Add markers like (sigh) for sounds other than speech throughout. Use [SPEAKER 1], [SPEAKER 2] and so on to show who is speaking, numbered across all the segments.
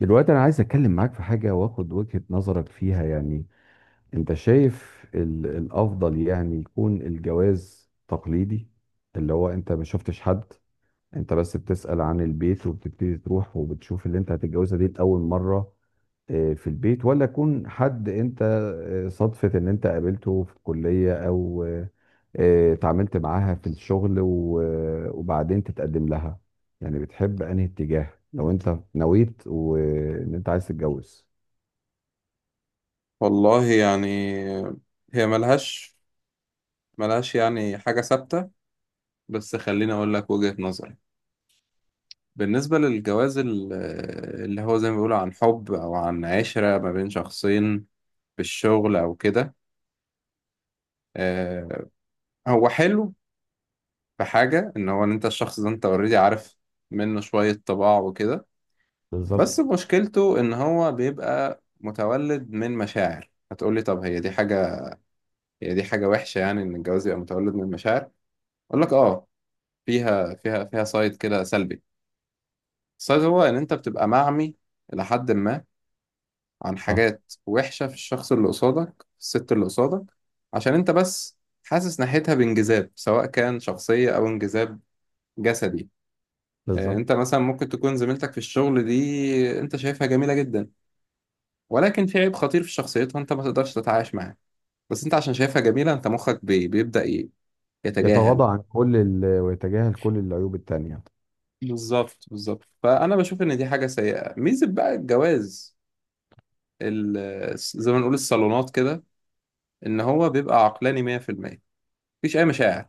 [SPEAKER 1] دلوقتي انا عايز اتكلم معاك في حاجه واخد وجهه نظرك فيها يعني. انت شايف الافضل يعني يكون الجواز تقليدي، اللي هو انت ما شفتش حد، انت بس بتسأل عن البيت وبتبتدي تروح وبتشوف اللي انت هتتجوزها دي لاول مره، في البيت. ولا يكون حد انت صدفة ان انت قابلته في الكلية، او اتعاملت معاها في الشغل وبعدين تتقدم لها. يعني بتحب انهي اتجاه لو انت نويت وان انت عايز تتجوز؟
[SPEAKER 2] والله يعني هي ملهاش يعني حاجة ثابتة. بس خليني أقول لك وجهة نظري. بالنسبة للجواز اللي هو زي ما بيقولوا عن حب أو عن عشرة ما بين شخصين في الشغل أو كده، آه، هو حلو في حاجة إن هو إن أنت الشخص ده أنت أوريدي عارف منه شوية طباع وكده. بس
[SPEAKER 1] بالظبط.
[SPEAKER 2] مشكلته إن هو بيبقى متولد من مشاعر. هتقولي طب هي دي حاجة، هي دي حاجة وحشة يعني إن الجواز يبقى متولد من مشاعر؟ أقول لك آه، فيها سايد كده سلبي. السايد هو ان انت بتبقى معمي الى حد ما عن
[SPEAKER 1] صح.
[SPEAKER 2] حاجات وحشه في الشخص اللي قصادك، في الست اللي قصادك، عشان انت بس حاسس ناحيتها بانجذاب، سواء كان شخصيه او انجذاب جسدي. انت
[SPEAKER 1] بالظبط.
[SPEAKER 2] مثلا ممكن تكون زميلتك في الشغل دي انت شايفها جميله جدا، ولكن في عيب خطير في شخصيتها انت ما تقدرش تتعايش معاه. بس انت عشان شايفها جميله انت مخك بيبدا يتجاهل.
[SPEAKER 1] يتغاضى عن كل ويتجاهل كل العيوب التانية.
[SPEAKER 2] بالظبط، بالظبط. فانا بشوف ان دي حاجه سيئه. ميزه بقى الجواز، زي ما نقول الصالونات كده، ان هو بيبقى عقلاني 100%، مفيش اي مشاعر.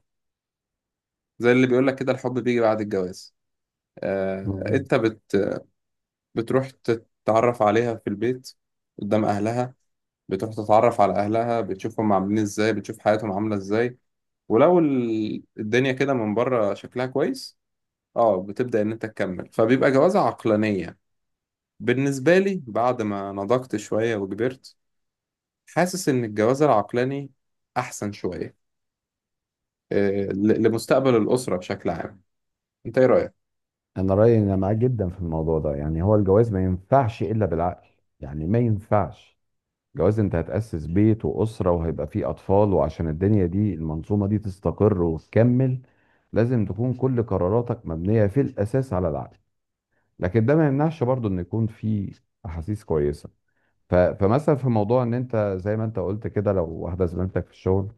[SPEAKER 2] زي اللي بيقول لك كده الحب بيجي بعد الجواز. آه،
[SPEAKER 1] مم.
[SPEAKER 2] انت بت بتروح تتعرف عليها في البيت قدام اهلها، بتروح تتعرف على اهلها، بتشوفهم عاملين ازاي، بتشوف حياتهم عاملة ازاي. ولو الدنيا كده من بره شكلها كويس، اه بتبدأ ان انت تكمل، فبيبقى جوازة عقلانية. بالنسبة لي بعد ما نضجت شوية وكبرت، حاسس ان الجواز العقلاني احسن شوية، لمستقبل الأسرة بشكل عام. أنت إيه رأيك؟
[SPEAKER 1] انا رأيي إن انا معاك جدا في الموضوع ده، يعني هو الجواز ما ينفعش الا بالعقل. يعني ما ينفعش جواز انت هتأسس بيت وأسرة وهيبقى فيه أطفال، وعشان الدنيا دي المنظومة دي تستقر وتكمل لازم تكون كل قراراتك مبنية في الأساس على العقل. لكن ده ما يمنعش برضو إن يكون في أحاسيس كويسة. فمثلا في موضوع إن أنت زي ما أنت قلت كده، لو واحدة زميلتك في الشغل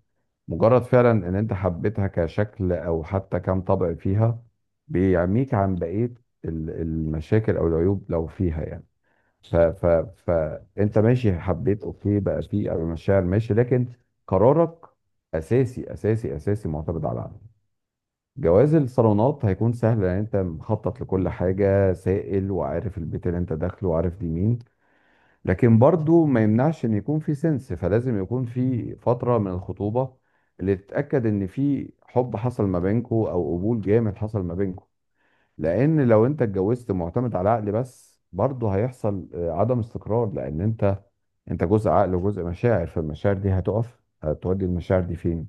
[SPEAKER 1] مجرد فعلا إن أنت حبيتها كشكل أو حتى كم طبع فيها بيعميك عن بقية المشاكل أو العيوب لو فيها يعني. ف ف فانت ماشي حبيت اوكي، بقى في مشاعر ماشي، لكن قرارك اساسي اساسي اساسي معتمد على عقلك. جواز الصالونات هيكون سهل لان انت مخطط لكل حاجه سائل، وعارف البيت اللي انت داخله وعارف دي مين. لكن برضو ما يمنعش ان يكون في سنس، فلازم يكون في فتره من الخطوبه اللي تتاكد ان في حب حصل ما بينكو او قبول جامد حصل ما بينكو. لان لو انت اتجوزت معتمد على عقل بس برضه هيحصل عدم استقرار، لان انت جزء عقل وجزء مشاعر. فالمشاعر دي هتقف، هتودي المشاعر دي فين؟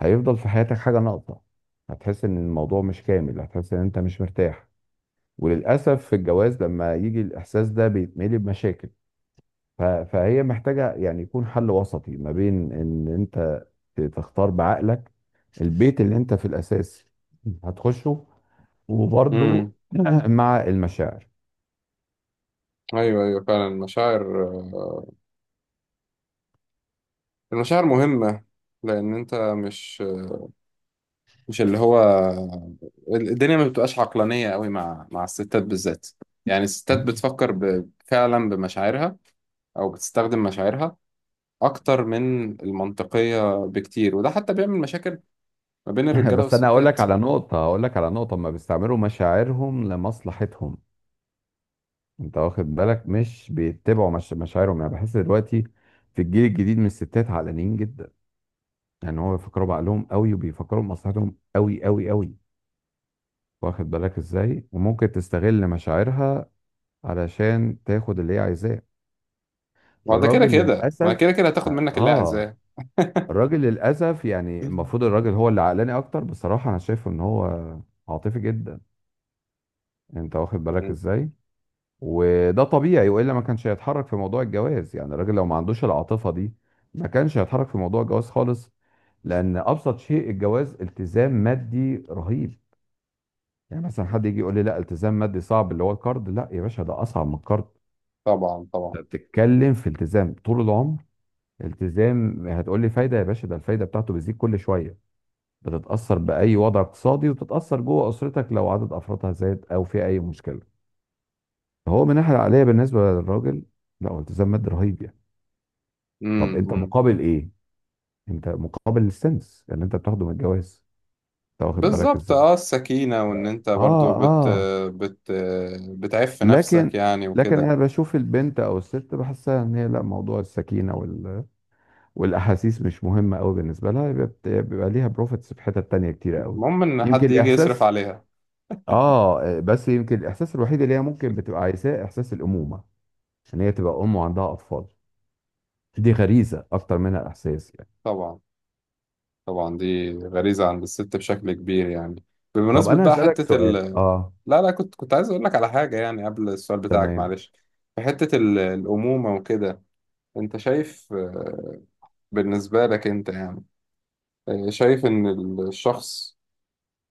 [SPEAKER 1] هيفضل في حياتك حاجة ناقصة، هتحس ان الموضوع مش كامل، هتحس ان انت مش مرتاح. وللأسف في الجواز لما يجي الإحساس ده بيتملي بمشاكل. فهي محتاجة يعني يكون حل وسطي ما بين ان انت تختار بعقلك البيت اللي انت في الأساس هتخشه، وبرضه
[SPEAKER 2] امم
[SPEAKER 1] (clears throat) (laughs) مع المشاعر.
[SPEAKER 2] ايوه، ايوه، فعلا المشاعر، المشاعر مهمة. لان انت مش مش اللي هو الدنيا ما بتبقاش عقلانية قوي مع الستات بالذات. يعني الستات بتفكر فعلا بمشاعرها او بتستخدم مشاعرها اكتر من المنطقية بكتير، وده حتى بيعمل مشاكل ما بين
[SPEAKER 1] (laughs)
[SPEAKER 2] الرجالة
[SPEAKER 1] بس انا هقول
[SPEAKER 2] والستات.
[SPEAKER 1] لك على نقطه، هقول لك على نقطه، ما بيستعملوا مشاعرهم لمصلحتهم. انت واخد بالك، مش بيتبعوا مش مشاعرهم يعني. بحس دلوقتي في الجيل الجديد من الستات علانيين جدا، يعني هو بيفكروا بعقلهم قوي وبيفكروا بمصلحتهم قوي قوي قوي. واخد بالك ازاي؟ وممكن تستغل مشاعرها علشان تاخد اللي هي عايزاه.
[SPEAKER 2] ما هو ده كده
[SPEAKER 1] الراجل
[SPEAKER 2] كده، ما هي
[SPEAKER 1] للاسف
[SPEAKER 2] كده كده هتاخد
[SPEAKER 1] اه
[SPEAKER 2] منك اللي هي
[SPEAKER 1] آه.
[SPEAKER 2] عايزاه.
[SPEAKER 1] الراجل للاسف يعني المفروض
[SPEAKER 2] (laughs)
[SPEAKER 1] الراجل هو اللي عقلاني اكتر، بصراحة انا شايفه ان هو عاطفي جدا. انت واخد بالك
[SPEAKER 2] مم.
[SPEAKER 1] ازاي. وده طبيعي، والا ما كانش هيتحرك في موضوع الجواز. يعني الراجل لو ما عندوش العاطفه دي ما كانش هيتحرك في موضوع الجواز خالص، لان ابسط شيء الجواز التزام مادي رهيب. يعني مثلا حد يجي يقول لي لا التزام مادي صعب اللي هو الكارد، لا يا باشا ده اصعب من الكارد.
[SPEAKER 2] طبعا،
[SPEAKER 1] انت
[SPEAKER 2] طبعا.
[SPEAKER 1] بتتكلم في التزام طول العمر. التزام هتقول لي فايده، يا باشا ده الفايده بتاعته بتزيد كل شويه، بتتاثر باي وضع اقتصادي وتتاثر جوه اسرتك لو عدد افرادها زاد او في اي مشكله. فهو من الناحيه العقليه بالنسبه للراجل، لا هو التزام مادي رهيب يعني. طب انت
[SPEAKER 2] امم
[SPEAKER 1] مقابل ايه؟ انت مقابل السنس اللي انت بتاخده من الجواز؟ انت واخد بالك
[SPEAKER 2] بالظبط.
[SPEAKER 1] ازاي.
[SPEAKER 2] اه السكينة، وان
[SPEAKER 1] لا
[SPEAKER 2] انت برضو
[SPEAKER 1] اه.
[SPEAKER 2] بت
[SPEAKER 1] اه.
[SPEAKER 2] بت بتعف نفسك
[SPEAKER 1] لكن
[SPEAKER 2] يعني
[SPEAKER 1] لكن
[SPEAKER 2] وكده.
[SPEAKER 1] انا بشوف البنت او الست بحسها ان هي لا موضوع السكينه والاحاسيس مش مهمه قوي بالنسبه لها، يبقى بيبقى ليها بروفيتس في حتت تانية كتير قوي.
[SPEAKER 2] المهم ان
[SPEAKER 1] يمكن
[SPEAKER 2] حد يجي يصرف
[SPEAKER 1] الاحساس،
[SPEAKER 2] عليها.
[SPEAKER 1] اه بس يمكن الاحساس الوحيد اللي هي ممكن بتبقى عايزاه احساس الامومه، عشان هي تبقى ام وعندها اطفال. دي غريزه اكتر منها احساس يعني.
[SPEAKER 2] طبعا، طبعا، دي غريزة عند الست بشكل كبير يعني.
[SPEAKER 1] طب
[SPEAKER 2] بمناسبة
[SPEAKER 1] انا
[SPEAKER 2] بقى
[SPEAKER 1] هسالك
[SPEAKER 2] حتة
[SPEAKER 1] سؤال اه.
[SPEAKER 2] لا لا، كنت عايز اقول لك على حاجة يعني قبل السؤال بتاعك،
[SPEAKER 1] تمام.
[SPEAKER 2] معلش. في حتة الأمومة وكده، انت شايف، بالنسبة لك انت يعني، شايف ان الشخص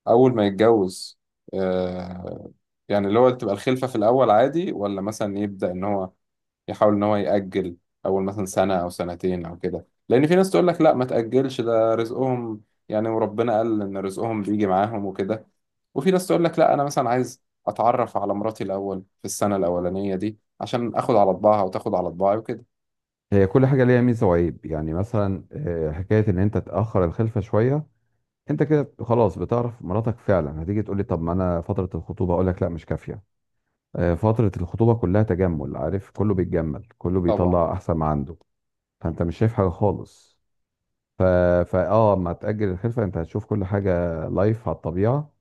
[SPEAKER 2] اول ما يتجوز، آه، يعني اللي هو تبقى الخلفة في الأول عادي، ولا مثلا يبدأ إن هو يحاول ان هو يأجل اول مثلا سنة او سنتين او كده؟ لان في ناس تقول لك لا ما تأجلش، ده رزقهم يعني، وربنا قال ان رزقهم بيجي معاهم وكده. وفي ناس تقول لك لا انا مثلا عايز اتعرف على مراتي الاول في السنة الاولانية دي عشان اخد على طباعها وتاخد على طباعي وكده.
[SPEAKER 1] هي كل حاجة ليها ميزة وعيب، يعني مثلا حكاية إن أنت تأخر الخلفة شوية أنت كده خلاص بتعرف مراتك فعلا. هتيجي تقول لي طب ما أنا فترة الخطوبة؟ أقول لك لا مش كافية. فترة الخطوبة كلها تجمل عارف، كله بيتجمل كله
[SPEAKER 2] طبعا.
[SPEAKER 1] بيطلع أحسن ما عنده، فأنت مش شايف حاجة خالص. ف... فا ما تأجل الخلفة أنت هتشوف كل حاجة لايف على الطبيعة،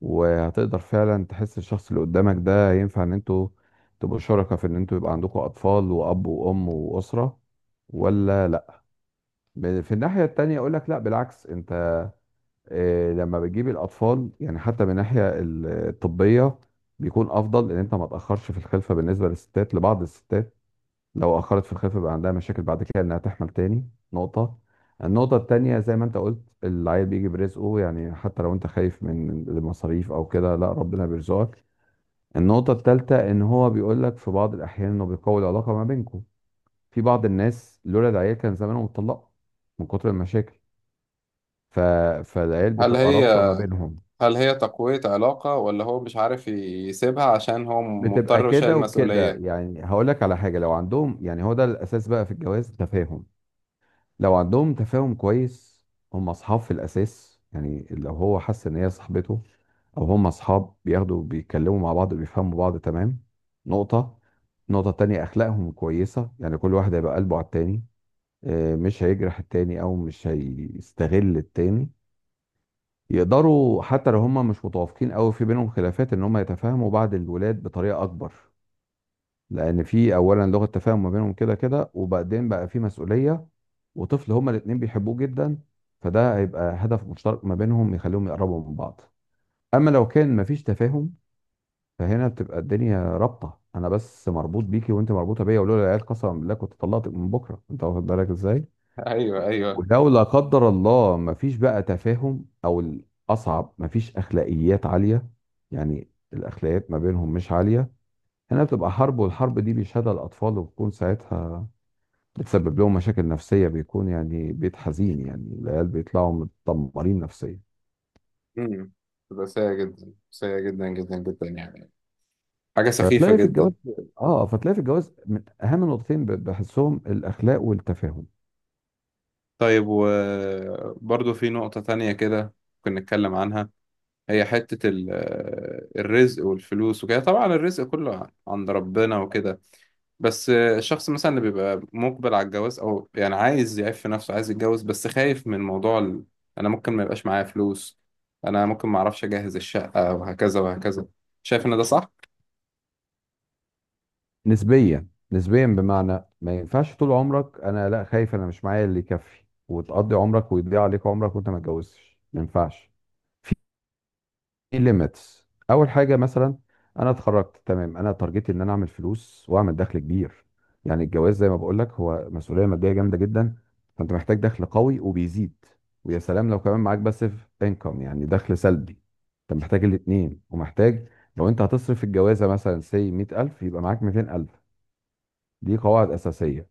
[SPEAKER 1] وهتقدر فعلا تحس الشخص اللي قدامك ده ينفع إن أنتوا تبقوا شركاء في إن أنتوا يبقى عندكم أطفال وأب وأم وأسرة. ولا في الناحية التانية أقول لك لا بالعكس، أنت لما بتجيب الأطفال يعني حتى من الناحية الطبية بيكون أفضل إن أنت ما تأخرش في الخلفة، بالنسبة للستات، لبعض الستات لو أخرت في الخلفة بقى عندها مشاكل بعد كده إنها تحمل تاني. نقطة، النقطة التانية زي ما أنت قلت، العيل بيجي برزقه، يعني حتى لو أنت خايف من المصاريف أو كده لا ربنا بيرزقك. النقطة التالتة إن هو بيقول لك في بعض الأحيان إنه بيقوي العلاقة ما بينكم. في بعض الناس لولا العيال كان زمانهم اتطلقوا من كتر المشاكل. ف... فالعيال
[SPEAKER 2] هل
[SPEAKER 1] بتبقى
[SPEAKER 2] هي
[SPEAKER 1] رابطه ما بينهم.
[SPEAKER 2] هل هي تقوية علاقة، ولا هو مش عارف يسيبها عشان هو
[SPEAKER 1] بتبقى
[SPEAKER 2] مضطر وشايل
[SPEAKER 1] كده وكده
[SPEAKER 2] مسؤولية؟
[SPEAKER 1] يعني. هقول لك على حاجه، لو عندهم يعني هو ده الاساس بقى في الجواز، تفاهم. لو عندهم تفاهم كويس هم اصحاب في الاساس، يعني لو هو حس ان هي صاحبته او هم اصحاب، بياخدوا بيتكلموا مع بعض وبيفهموا بعض تمام. نقطه، نقطه تانية اخلاقهم كويسه، يعني كل واحد هيبقى قلبه على التاني، مش هيجرح التاني او مش هيستغل التاني. يقدروا حتى لو هم مش متوافقين قوي في بينهم خلافات ان هم يتفاهموا بعد الولاد بطريقه اكبر، لان في اولا لغه تفاهم ما بينهم كده كده، وبعدين بقى في مسؤوليه وطفل هما الاتنين بيحبوه جدا، فده هيبقى هدف مشترك ما بينهم يخليهم يقربوا من بعض. اما لو كان مفيش تفاهم فهنا بتبقى الدنيا رابطه: انا بس مربوط بيكي وانت مربوطه بيا، ولولا العيال قسما بالله كنت طلقتك من بكره. انت واخد بالك ازاي.
[SPEAKER 2] (laughs) ايوه، ايوه.
[SPEAKER 1] ولو لا قدر الله مفيش بقى تفاهم، او الاصعب مفيش اخلاقيات عاليه، يعني الاخلاقيات ما بينهم مش عاليه، هنا بتبقى حرب، والحرب دي بيشهدها الاطفال، وبتكون ساعتها بتسبب لهم مشاكل نفسيه، بيكون يعني بيت حزين، يعني العيال بيطلعوا متدمرين نفسيا.
[SPEAKER 2] امم تبقى سيئة جدا، سيئة جدا جدا جدا يعني، حاجة سخيفة
[SPEAKER 1] فتلاقي في الجواز،
[SPEAKER 2] جدا.
[SPEAKER 1] اه فتلاقي في الجواز من اهم النقطتين بحسهم الاخلاق والتفاهم.
[SPEAKER 2] طيب، وبرضه في نقطة تانية كده كنا نتكلم عنها. هي حتة الرزق والفلوس وكده. طبعا الرزق كله عند ربنا وكده، بس الشخص مثلا اللي بيبقى مقبل على الجواز أو يعني عايز يعيش في نفسه، عايز يتجوز بس خايف من موضوع أنا ممكن ما يبقاش معايا فلوس، أنا ممكن ما أعرفش أجهز الشقة وهكذا وهكذا. شايف إن ده صح؟
[SPEAKER 1] نسبيا. نسبيا بمعنى ما ينفعش طول عمرك انا لا خايف انا مش معايا اللي يكفي، وتقضي عمرك ويضيع عليك عمرك وانت ما اتجوزتش، ما ينفعش. في ليميتس. اول حاجه مثلا انا اتخرجت تمام، انا تارجتي ان انا اعمل فلوس واعمل دخل كبير. يعني الجواز زي ما بقول لك هو مسؤوليه ماديه جامده جدا، فانت محتاج دخل قوي وبيزيد، ويا سلام لو كمان معاك باسيف انكم يعني دخل سلبي. انت محتاج الاثنين ومحتاج. لو انت هتصرف في الجوازه مثلا سي 100,000 يبقى معاك 200,000. دي قواعد اساسيه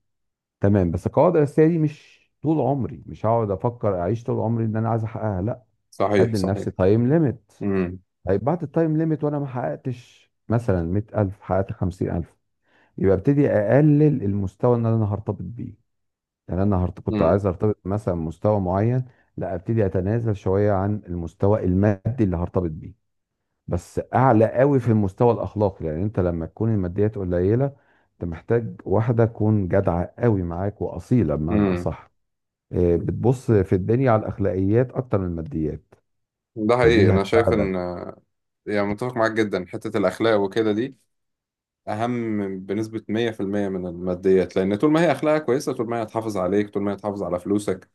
[SPEAKER 1] تمام. بس القواعد الاساسيه دي مش طول عمري، مش هقعد افكر اعيش طول عمري ان انا عايز احققها، لا.
[SPEAKER 2] صحيح،
[SPEAKER 1] هدي
[SPEAKER 2] صحيح.
[SPEAKER 1] لنفسي تايم ليميت.
[SPEAKER 2] امم
[SPEAKER 1] طيب بعد التايم ليميت وانا ما حققتش مثلا 100,000 حققت 50,000، يبقى ابتدي اقلل المستوى اللي انا هرتبط بيه. يعني انا كنت عايز
[SPEAKER 2] امم
[SPEAKER 1] ارتبط مثلا بمستوى معين. لا ابتدي اتنازل شويه عن المستوى المادي اللي هرتبط بيه، بس اعلى قوي في المستوى الاخلاقي. لان انت لما تكون الماديات قليله انت محتاج واحده تكون جدعه قوي معاك واصيله بمعنى
[SPEAKER 2] امم
[SPEAKER 1] اصح، إيه، بتبص في الدنيا على الاخلاقيات اكتر من الماديات،
[SPEAKER 2] ده حقيقي،
[SPEAKER 1] فدي
[SPEAKER 2] أنا شايف إن،
[SPEAKER 1] هتساعدك.
[SPEAKER 2] يعني متفق معاك جدا. حتة الأخلاق وكده دي أهم بنسبة 100% من الماديات، لأن طول ما هي أخلاقها كويسة طول ما هي هتحافظ عليك، طول ما هي هتحافظ على فلوسك،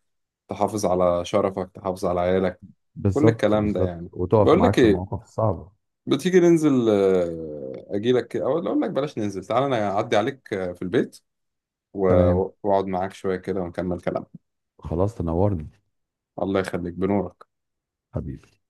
[SPEAKER 2] تحافظ على شرفك، تحافظ على عيالك. كل
[SPEAKER 1] بالظبط
[SPEAKER 2] الكلام ده
[SPEAKER 1] بالظبط.
[SPEAKER 2] يعني،
[SPEAKER 1] وتقف
[SPEAKER 2] بقول
[SPEAKER 1] معاك
[SPEAKER 2] لك
[SPEAKER 1] في
[SPEAKER 2] إيه،
[SPEAKER 1] المواقف الصعبه.
[SPEAKER 2] بتيجي ننزل، أجيلك أو أقول لك بلاش ننزل، تعالى أنا أعدي عليك في البيت و-
[SPEAKER 1] تمام.
[SPEAKER 2] وأقعد معاك شوية كده ونكمل كلام.
[SPEAKER 1] خلاص تنورني.
[SPEAKER 2] الله يخليك، بنورك.
[SPEAKER 1] حبيبي.